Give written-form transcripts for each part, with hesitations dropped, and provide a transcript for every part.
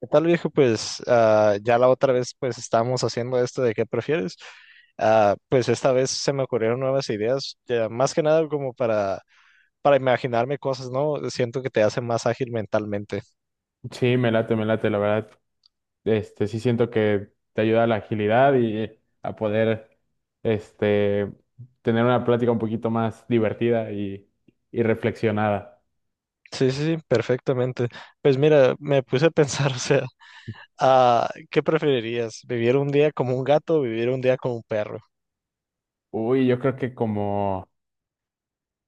¿Qué tal, viejo? Pues ya la otra vez pues estábamos haciendo esto de qué prefieres. Ah, pues esta vez se me ocurrieron nuevas ideas, ya más que nada como para imaginarme cosas, ¿no? Siento que te hace más ágil mentalmente. Sí, me late, la verdad. Sí siento que te ayuda a la agilidad y a poder, este, tener una plática un poquito más divertida y reflexionada. Sí, sí, sí, perfectamente. Pues mira, me puse a pensar, o sea, ¿qué preferirías? ¿Vivir un día como un gato o vivir un día como un perro? Uy, yo creo que como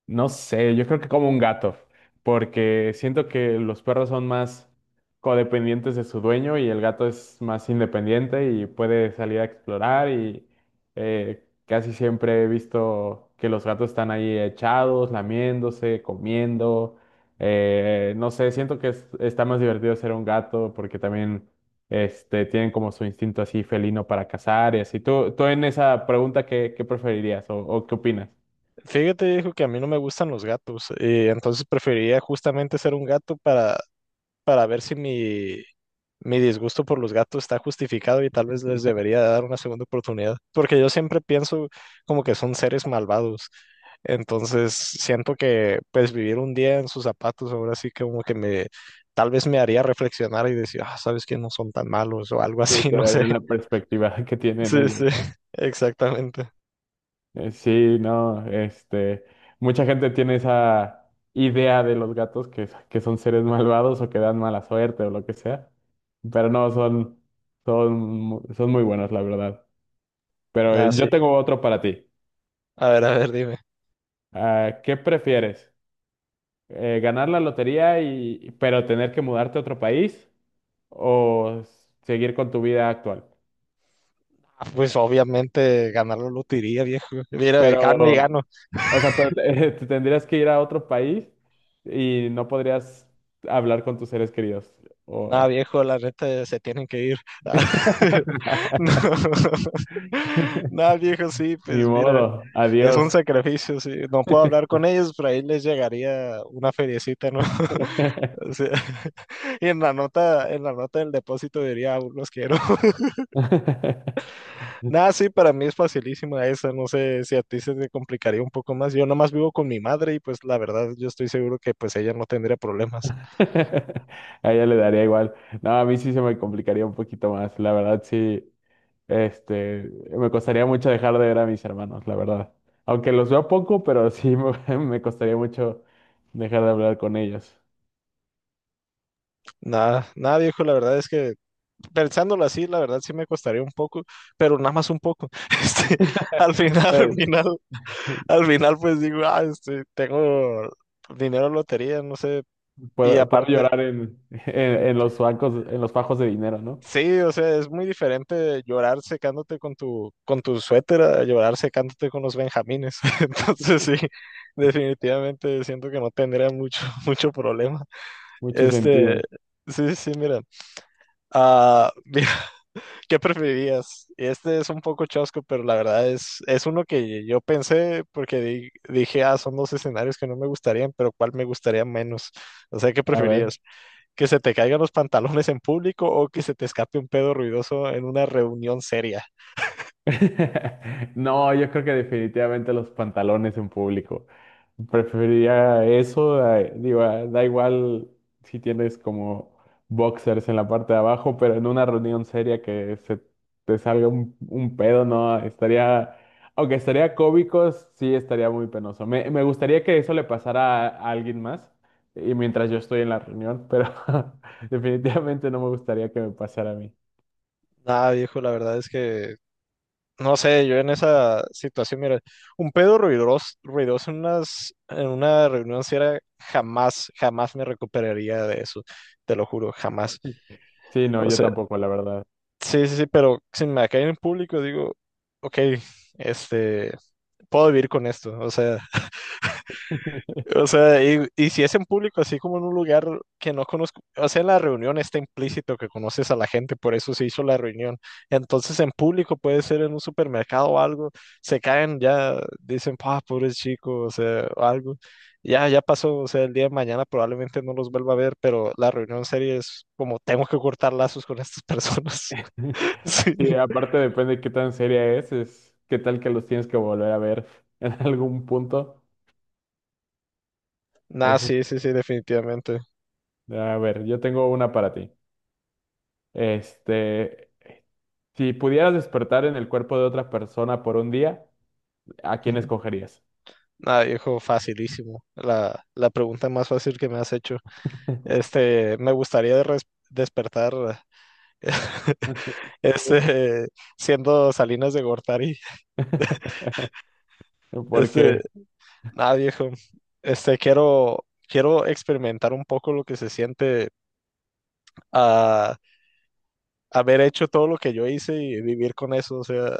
no sé, yo creo que como un gato, porque siento que los perros son más codependientes de su dueño y el gato es más independiente y puede salir a explorar y casi siempre he visto que los gatos están ahí echados, lamiéndose, comiendo. No sé, siento que está más divertido ser un gato porque también tienen como su instinto así felino para cazar y así. ¿Tú en esa pregunta ¿qué preferirías o qué opinas? Fíjate, dijo que a mí no me gustan los gatos y entonces preferiría justamente ser un gato para ver si mi disgusto por los gatos está justificado y tal vez les debería dar una segunda oportunidad, porque yo siempre pienso como que son seres malvados. Entonces siento que pues vivir un día en sus zapatos ahora sí que como que me tal vez me haría reflexionar y decir, ah, sabes que no son tan malos o algo Y así, te no sé. daría la perspectiva que tienen Sí, ellos, sí, ¿no? exactamente. Sí, no, mucha gente tiene esa idea de los gatos que son seres malvados o que dan mala suerte o lo que sea, pero no, son, son muy buenos, la verdad. Pero Ah, yo sí. tengo otro para ti. A ver, dime. Ah, ¿qué prefieres? ¿Ganar la lotería pero tener que mudarte a otro país o seguir con tu vida actual? Ah, Pues obviamente ganar la lotería, viejo. Mira, gano y Pero, gano. o sea, te tendrías que ir a otro país y no podrías hablar con tus seres queridos. O- Nada, viejo, la neta se tienen que ir. No. Nada, viejo, sí, Ni pues mira, modo, es un adiós. sacrificio, sí. No puedo hablar con ellos, pero ahí les llegaría una feriecita, ¿no? O sea, y en la nota del depósito diría, "Aún los quiero". Nada, sí, para mí es facilísima esa, no sé si a ti se te complicaría un poco más. Yo nomás vivo con mi madre y pues la verdad yo estoy seguro que pues ella no tendría problemas. A ella le daría igual. No, a mí sí se me complicaría un poquito más. La verdad, sí, me costaría mucho dejar de ver a mis hermanos, la verdad. Aunque los veo poco, pero me costaría mucho dejar de hablar con ellos. Nada, nada, viejo, la verdad es que pensándolo así, la verdad sí me costaría un poco, pero nada más un poco. Este, al final, al Pues, final, al final, pues digo, ah, este, tengo dinero en lotería, no sé. Y puedo aparte, llorar en los bancos, en los fajos de dinero, ¿no? sí, o sea, es muy diferente llorar secándote con tu suéter a llorar secándote con los benjamines. Entonces, sí, definitivamente siento que no tendría mucho problema. Mucho Este, sentido. sí, sí, mira. Ah, ¿qué preferirías? Este es un poco chosco, pero la verdad es uno que yo pensé porque dije, ah, son dos escenarios que no me gustarían, pero ¿cuál me gustaría menos? O sea, ¿qué A ver. preferirías? ¿Que se te caigan los pantalones en público o que se te escape un pedo ruidoso en una reunión seria? No, yo creo que definitivamente los pantalones en público. Preferiría eso, digo, ah, da igual si tienes como boxers en la parte de abajo, pero en una reunión seria que se te salga un pedo, ¿no? Estaría, aunque estaría cómico, sí estaría muy penoso. Me gustaría que eso le pasara a alguien más y mientras yo estoy en la reunión, pero definitivamente no me gustaría que me pasara a mí. Nada, viejo, la verdad es que, no sé, yo en esa situación, mira, un pedo ruidoso en una reunión seria, jamás, jamás me recuperaría de eso, te lo juro, jamás. Sí, no, O yo sea, tampoco, la verdad. sí, sí, sí, pero si me cae en público, digo, ok, este, puedo vivir con esto, o sea, y si es en público, así como en un lugar que no conozco, o sea, en la reunión está implícito que conoces a la gente, por eso se hizo la reunión, entonces en público puede ser en un supermercado o algo, se caen ya, dicen, ah, pobre chico, o sea, o algo, ya pasó, o sea, el día de mañana probablemente no los vuelva a ver, pero la reunión seria es como, tengo que cortar lazos con estas personas, sí. Sí, aparte depende de qué tan seria es qué tal que los tienes que volver a ver en algún punto. Nah, Es- sí, sí, sí, definitivamente. a ver, yo tengo una para ti. Este, si pudieras despertar en el cuerpo de otra persona por un día, ¿a quién Ujú. escogerías? Nah, viejo, facilísimo. La pregunta más fácil que me has hecho. Este, me gustaría despertar, este, siendo Salinas de Gortari. Este, Porque nada, viejo. Este, quiero experimentar un poco lo que se siente a haber hecho todo lo que yo hice y vivir con eso. O sea,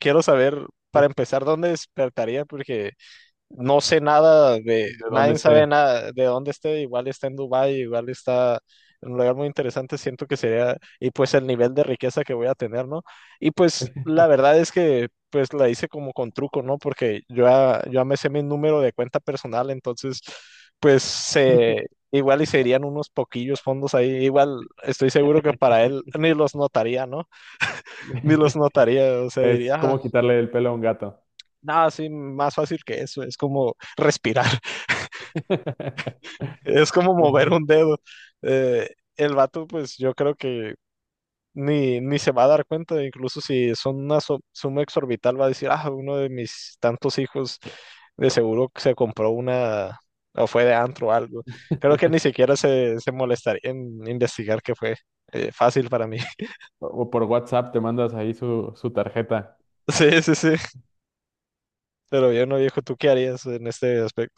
quiero saber, para empezar, dónde despertaría, porque no sé nada de dónde nadie sabe esté. nada de dónde esté, igual está en Dubái, igual está en un lugar muy interesante, siento que sería, y pues el nivel de riqueza que voy a tener, ¿no? Y pues la verdad es que pues la hice como con truco, ¿no? Porque yo ya me sé mi número de cuenta personal, entonces pues se... Igual y se irían unos poquillos fondos ahí. Igual estoy seguro que para él ni los notaría, ¿no? Ni los notaría. O sea, Es diría, "Ah, como quitarle el pelo a un gato. nada, sí, más fácil que eso. Es como respirar". Es como mover Ujú. un dedo. Eh, el vato, pues yo creo que ni se va a dar cuenta, incluso si son una suma exorbital, va a decir, ah, uno de mis tantos hijos de seguro que se compró una o fue de antro o algo. Creo que ni siquiera se molestaría en investigar qué fue. Fácil para mí. O por WhatsApp te mandas ahí su tarjeta. Sí, sí, sí. Pero yo no, viejo, ¿tú qué harías en este aspecto?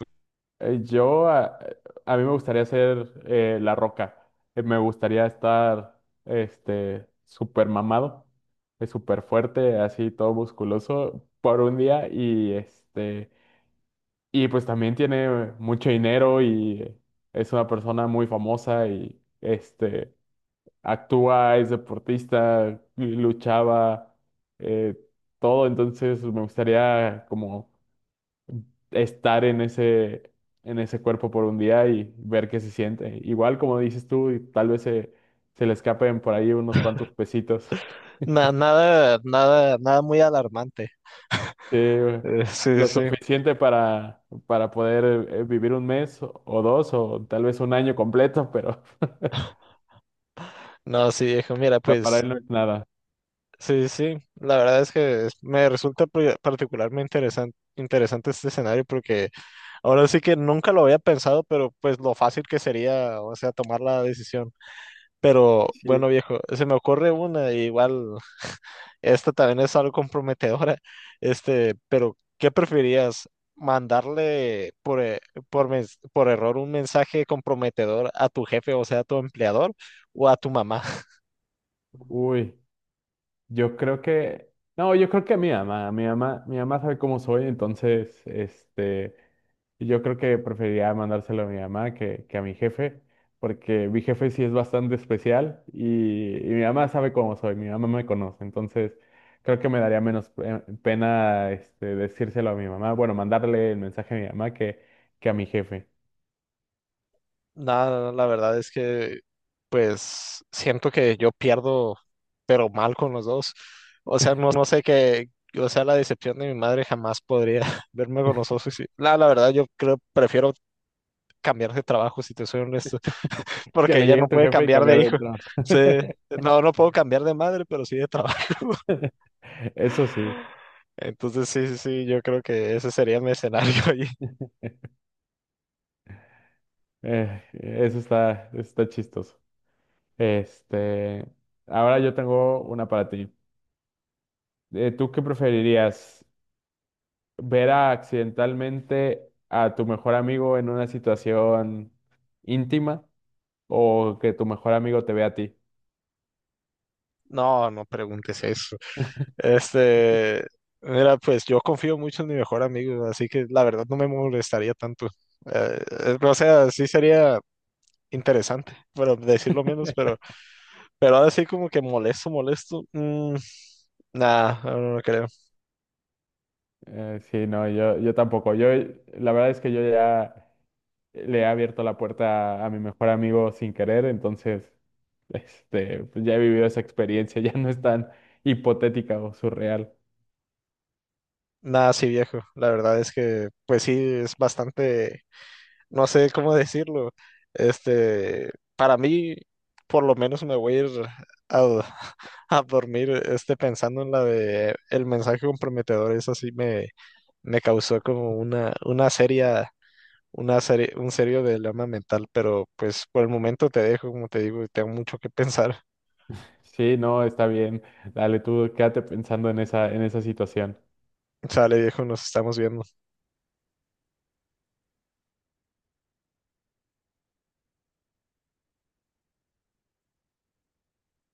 Eh, Yo, a, a mí me gustaría ser La Roca. Me gustaría estar súper mamado, súper fuerte, así todo musculoso por un día y y pues también tiene mucho dinero y es una persona muy famosa y actúa, es deportista, luchaba, eh, todo. Entonces me gustaría como estar en en ese cuerpo por un día y ver qué se siente. Igual, como dices tú, y tal vez se le escapen por ahí unos cuantos pesitos. Nada, nada, nada muy alarmante. Sí, güey. Sí, Lo sí. suficiente para poder vivir un mes o dos o tal vez un año completo, pero, No, sí, viejo, mira, pero para pues él no es nada. sí, sí, sí. La verdad es que me resulta particularmente interesante este escenario porque ahora sí que nunca lo había pensado, pero pues lo fácil que sería, o sea, tomar la decisión. Pero Sí. bueno, viejo, se me ocurre una, y igual esta también es algo comprometedora, este, pero ¿qué preferirías? ¿Mandarle por error un mensaje comprometedor a tu jefe, o sea, a tu empleador, o a tu mamá? Uy. Yo creo que, no, yo creo que mi mamá sabe cómo soy, entonces, yo creo que preferiría mandárselo a mi mamá que a mi jefe, porque mi jefe sí es bastante especial y mi mamá sabe cómo soy, mi mamá me conoce, entonces creo que me daría menos pena, decírselo a mi mamá, bueno, mandarle el mensaje a mi mamá que a mi jefe, Nada, la verdad es que pues siento que yo pierdo, pero mal con los dos. O sea, no sé qué, o sea, la decepción de mi madre jamás podría verme con los dos. Y sí. La verdad, yo creo, prefiero cambiar de trabajo, si te soy honesto, que porque le ella llegue a no tu puede jefe y cambiar de cambiar de hijo. trabajo. Sí, no, no puedo cambiar de madre, pero sí de trabajo. Eso sí, Entonces, sí, sí, sí, yo creo que ese sería mi escenario. Y... eso está, está chistoso. Este, Ahora yo tengo una para ti. ¿Tú qué preferirías? ¿Ver accidentalmente a tu mejor amigo en una situación íntima o que tu mejor amigo te vea a ti? No, no preguntes eso. Este, mira, pues yo confío mucho en mi mejor amigo, así que la verdad no me molestaría tanto. O sea, sí sería interesante, pero decirlo menos, pero ahora sí como que molesto. Nada, no, no no creo. Sí, no, yo tampoco. Yo, la verdad es que yo ya le he abierto la puerta a mi mejor amigo sin querer, entonces, pues ya he vivido esa experiencia, ya no es tan hipotética o surreal. Nada, sí viejo. La verdad es que, pues sí, es bastante, no sé cómo decirlo. Este, para mí, por lo menos me voy a ir a, a dormir, este, pensando en la de el mensaje comprometedor, eso sí me causó como una, una serie, un serio dilema mental, pero pues por el momento te dejo, como te digo, tengo mucho que pensar. Sí, no, está bien. Dale, tú quédate pensando en en esa situación. Sale, viejo, nos estamos viendo.